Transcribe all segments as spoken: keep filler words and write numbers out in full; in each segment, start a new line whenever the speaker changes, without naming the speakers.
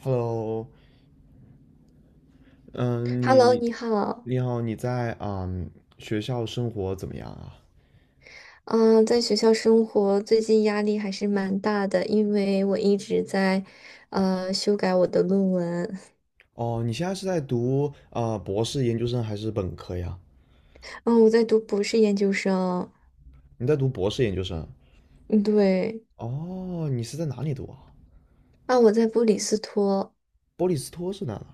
Hello,嗯，
Hello，
你
你好。
你好，你在啊、学校生活怎么样啊？
嗯，在学校生活最近压力还是蛮大的，因为我一直在呃修改我的论文。
哦，你现在是在读呃博士研究生还是本科呀？
嗯，我在读博士研究生。
你在读博士研究生？
嗯，对。
哦，你是在哪里读啊？
啊，我在布里斯托，
波利斯托是哪呢？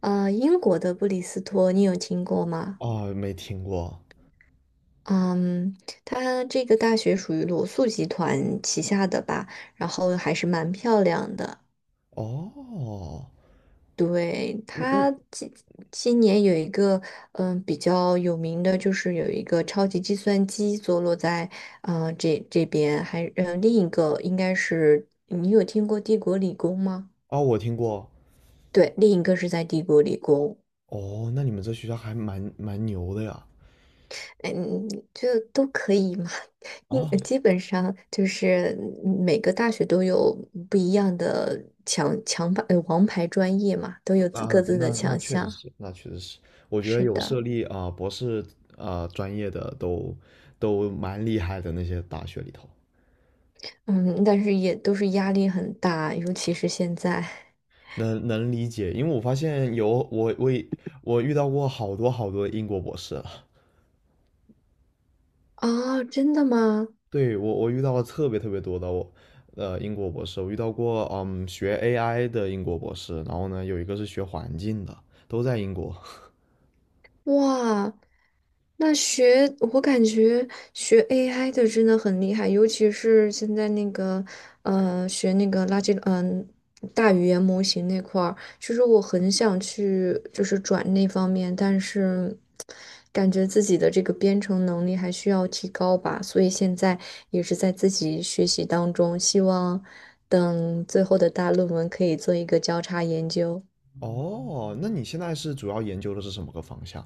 呃，英国的布里斯托，你有听过吗？
哦，没听过。
嗯，它这个大学属于罗素集团旗下的吧，然后还是蛮漂亮的。
哦，
对，
嗯嗯，
他今今年有一个嗯比较有名的，就是有一个超级计算机坐落在呃这这边，还嗯另一个应该是你有听过帝国理工吗？
哦，我听过。
对，另一个是在帝国理工，
哦，那你们这学校还蛮蛮牛的呀。
哎嗯，就都可以嘛，因
啊、
基本上就是每个大学都有不一样的强强牌呃王牌专业嘛，都有自各
那
自的
那那
强
确实
项。
是，那确实是，我觉得
是
有设
的。
立啊、呃博士啊、呃专业的都都蛮厉害的那些大学里头，
嗯，但是也都是压力很大，尤其是现在
能能理解，因为我发现有我我也我遇到过好多好多英国博士了。
啊，真的吗？
对我我遇到了特别特别多的我呃英国博士，我遇到过嗯学 A I 的英国博士，然后呢有一个是学环境的，都在英国。
哇，那学我感觉学 A I 的真的很厉害，尤其是现在那个呃学那个垃圾嗯、大语言模型那块儿，其实我很想去就是转那方面，但是感觉自己的这个编程能力还需要提高吧，所以现在也是在自己学习当中，希望等最后的大论文可以做一个交叉研究。
哦，那你现在是主要研究的是什么个方向？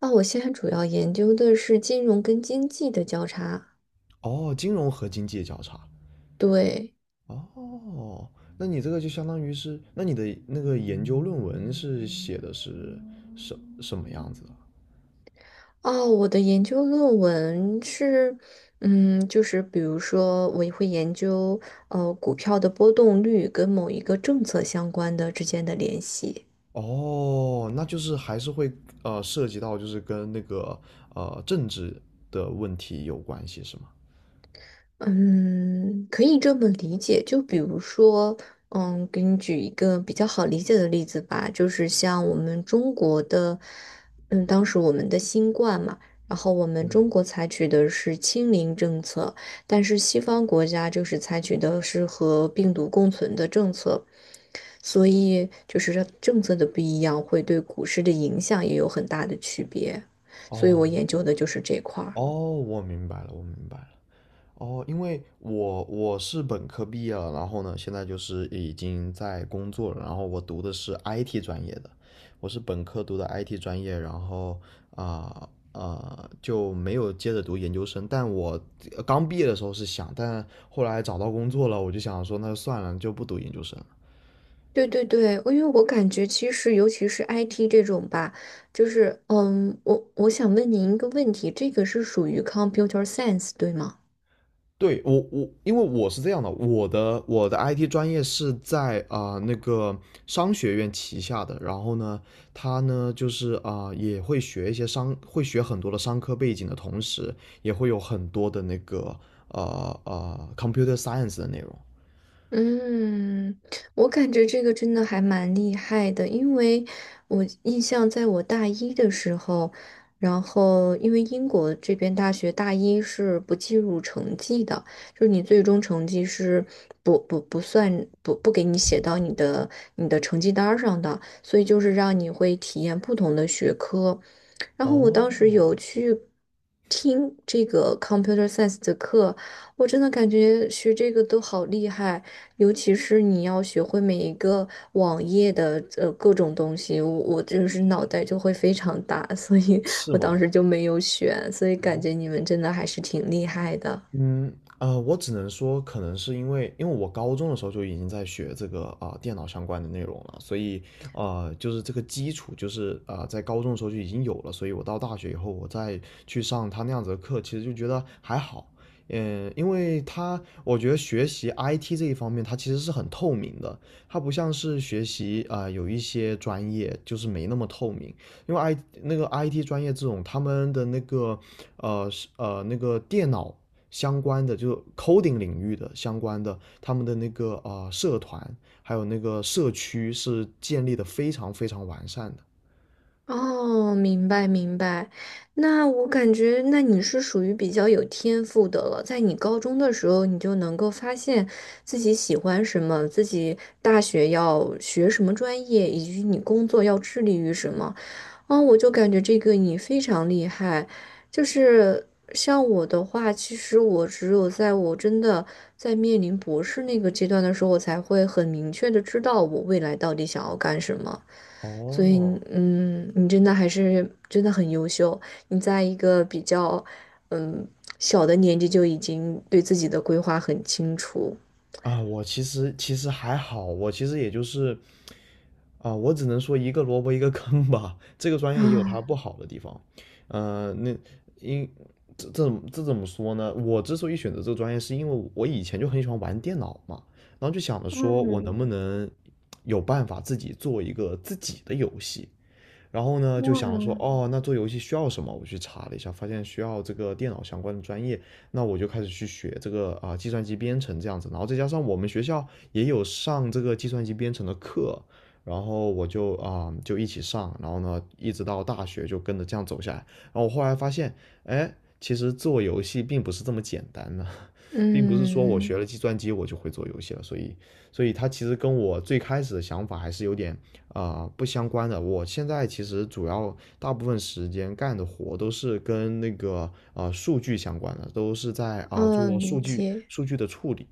啊，我现在主要研究的是金融跟经济的交叉。
哦，金融和经济交叉。
对，
哦，那你这个就相当于是，那你的那个研究论文是写的是什什么样子的？
哦，我的研究论文是，嗯，就是比如说，我会研究呃股票的波动率跟某一个政策相关的之间的联系。
哦，那就是还是会呃涉及到就是跟那个呃政治的问题有关系是吗？
嗯，可以这么理解。就比如说，嗯，给你举一个比较好理解的例子吧，就是像我们中国的，嗯，当时我们的新冠嘛，然后我们中国采取的是清零政策，但是西方国家就是采取的是和病毒共存的政策，所以就是这政策的不一样，会对股市的影响也有很大的区别。所以
哦
我研究的就是这块儿。
哦，我明白了，我明白了。哦，因为我我是本科毕业了，然后呢，现在就是已经在工作了，然后我读的是 I T 专业的，我是本科读的 I T 专业，然后啊呃就没有接着读研究生，但我呃刚毕业的时候是想，但后来找到工作了，我就想说那就算了，就不读研究生。
对对对，因为我感觉其实，尤其是 I T 这种吧，就是嗯，我我想问您一个问题，这个是属于 computer science 对吗？
对我我，因为我是这样的，我的我的 I T 专业是在啊、呃那个商学院旗下的，然后呢，他呢就是啊、呃也会学一些商，会学很多的商科背景的同时，也会有很多的那个呃呃 computer science 的内容。
嗯，我感觉这个真的还蛮厉害的，因为我印象在我大一的时候，然后因为英国这边大学大一是不计入成绩的，就是你最终成绩是不不不算不不给你写到你的你的成绩单儿上的，所以就是让你会体验不同的学科。然后我当时有
哦，
去听这个 computer science 的课，我真的感觉学这个都好厉害。尤其是你要学会每一个网页的呃各种东西，我我就是脑袋就会非常大，所以
是
我当
吗？
时就没有选，所以感
哦，
觉你们真的还是挺厉害的。
嗯，呃，我只能说，可能是因为，因为我高中的时候就已经在学这个啊、呃电脑相关的内容了，所以呃，就是这个基础就是啊在高中的时候就已经有了，所以我到大学以后，我再去上他那样子的课，其实就觉得还好。嗯，因为他，我觉得学习 I T 这一方面，它其实是很透明的，它不像是学习啊、呃有一些专业就是没那么透明，因为 I 那个 I T 专业这种，他们的那个呃是呃那个电脑相关的，就是 coding 领域的相关的，他们的那个呃社团，还有那个社区是建立的非常非常完善的。
哦，明白明白。那我感觉，那你是属于比较有天赋的了，在你高中的时候，你就能够发现自己喜欢什么，自己大学要学什么专业，以及你工作要致力于什么。啊，我就感觉这个你非常厉害，就是像我的话，其实我只有在我真的在面临博士那个阶段的时候，我才会很明确的知道我未来到底想要干什么。所以，
哦，
嗯，你真的还是真的很优秀，你在一个比较嗯小的年纪就已经对自己的规划很清楚
啊，我其实其实还好，我其实也就是啊，我只能说一个萝卜一个坑吧。这个专业也有它
啊。
不好的地方，呃，那因这这这怎么说呢？我之所以选择这个专业，是因为我以前就很喜欢玩电脑嘛，然后就想着说我能
嗯，
不能有办法自己做一个自己的游戏，然后呢，就想说，哦，那做游戏需要什么？我去查了一下，发现需要这个电脑相关的专业，那我就开始去学这个啊、呃计算机编程这样子。然后再加上我们学校也有上这个计算机编程的课，然后我就啊、呃就一起上，然后呢一直到大学就跟着这样走下来。然后我后来发现，哎，其实做游戏并不是这么简单的。并不是说我
嗯
学了计算机我就会做游戏了，所以，所以它其实跟我最开始的想法还是有点啊、呃不相关的。我现在其实主要大部分时间干的活都是跟那个啊呃数据相关的，都是在啊、呃做
嗯，理
数据
解。
数据的处理。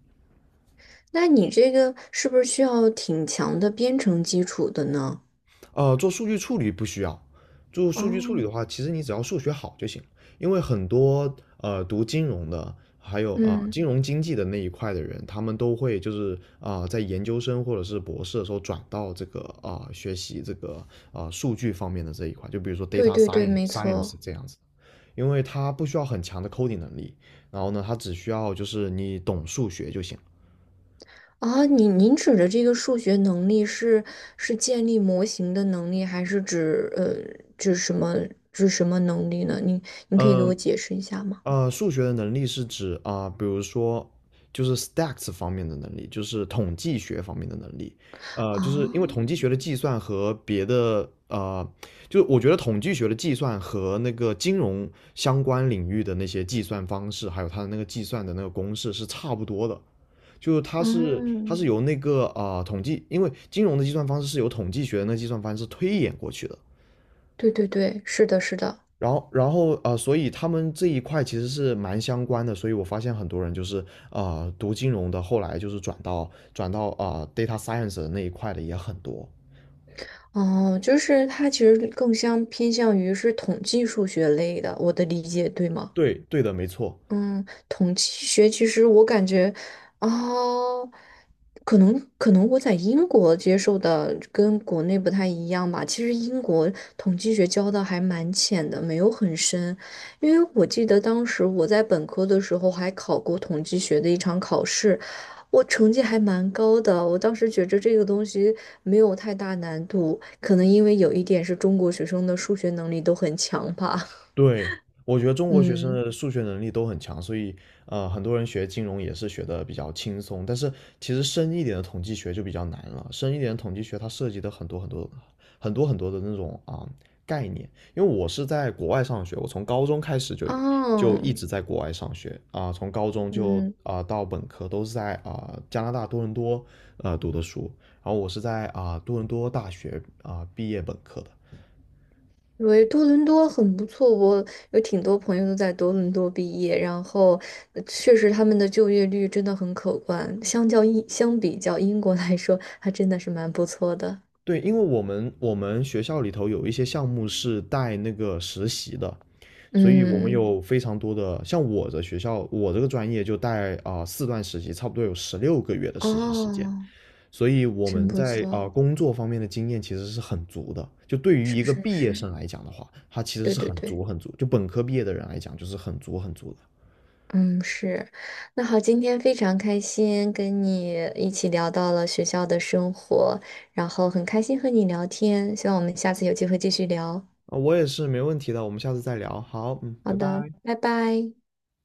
那你这个是不是需要挺强的编程基础的呢？
呃，做数据处理不需要。做数据处理
哦，
的话，其实你只要数学好就行，因为很多呃读金融的，还有啊、呃
嗯，
金融经济的那一块的人，他们都会就是啊、呃在研究生或者是博士的时候转到这个啊、呃学习这个啊、呃数据方面的这一块，就比如说
对
data
对对，
science
没
science
错。
这样子，因为它不需要很强的 coding 能力，然后呢，它只需要就是你懂数学就行。
啊，你您指的这个数学能力是是建立模型的能力，还是指呃指什么指什么能力呢？您您可以给我
嗯，
解释一下吗？
呃，数学的能力是指啊、比如说就是 stats 方面的能力，就是统计学方面的能力。呃，就是
啊，
因为统计学的计算和别的呃，就我觉得统计学的计算和那个金融相关领域的那些计算方式，还有它的那个计算的那个公式是差不多的。就是它是它
嗯，
是由那个啊、呃统计，因为金融的计算方式是由统计学的那个计算方式推演过去的。
对对对，是的，是的。
然后，然后呃，所以他们这一块其实是蛮相关的，所以我发现很多人就是呃读金融的，后来就是转到转到啊、呃 data science 的那一块的也很多。
哦，就是它其实更像偏向于是统计数学类的，我的理解对吗？
对，对的，没错。
嗯，统计学其实我感觉，哦，可能可能我在英国接受的跟国内不太一样吧。其实英国统计学教的还蛮浅的，没有很深。因为我记得当时我在本科的时候还考过统计学的一场考试，我成绩还蛮高的。我当时觉着这个东西没有太大难度，可能因为有一点是中国学生的数学能力都很强吧。
对，我觉得中国学生
嗯，
的数学能力都很强，所以呃，很多人学金融也是学的比较轻松。但是其实深一点的统计学就比较难了，深一点的统计学它涉及的很多很多很多很多的那种啊、概念。因为我是在国外上学，我从高中开始就就一
哦。
直在国外上学啊、从高中就
嗯，
啊、到本科都是在啊、加拿大多伦多呃读的书，然后我是在啊、多伦多大学啊、毕业本科的。
因为多伦多很不错，我有挺多朋友都在多伦多毕业，然后呃确实他们的就业率真的很可观，相较英相比较英国来说，还真的是蛮不错的。
对，因为我们我们学校里头有一些项目是带那个实习的，所以我们
嗯，
有非常多的，像我的学校，我这个专业就带啊、呃四段实习，差不多有十六个月的实习时间，
哦，
所以我
真
们
不
在啊、
错，
呃工作方面的经验其实是很足的。就对于
是
一个
是
毕业
是，
生来讲的话，他其实
对
是
对
很足
对，
很足，就本科毕业的人来讲，就是很足很足的。
嗯是。那好，今天非常开心跟你一起聊到了学校的生活，然后很开心和你聊天，希望我们下次有机会继续聊。
啊、我也是没问题的，我们下次再聊。好，嗯，
好
拜
的，
拜。
拜拜。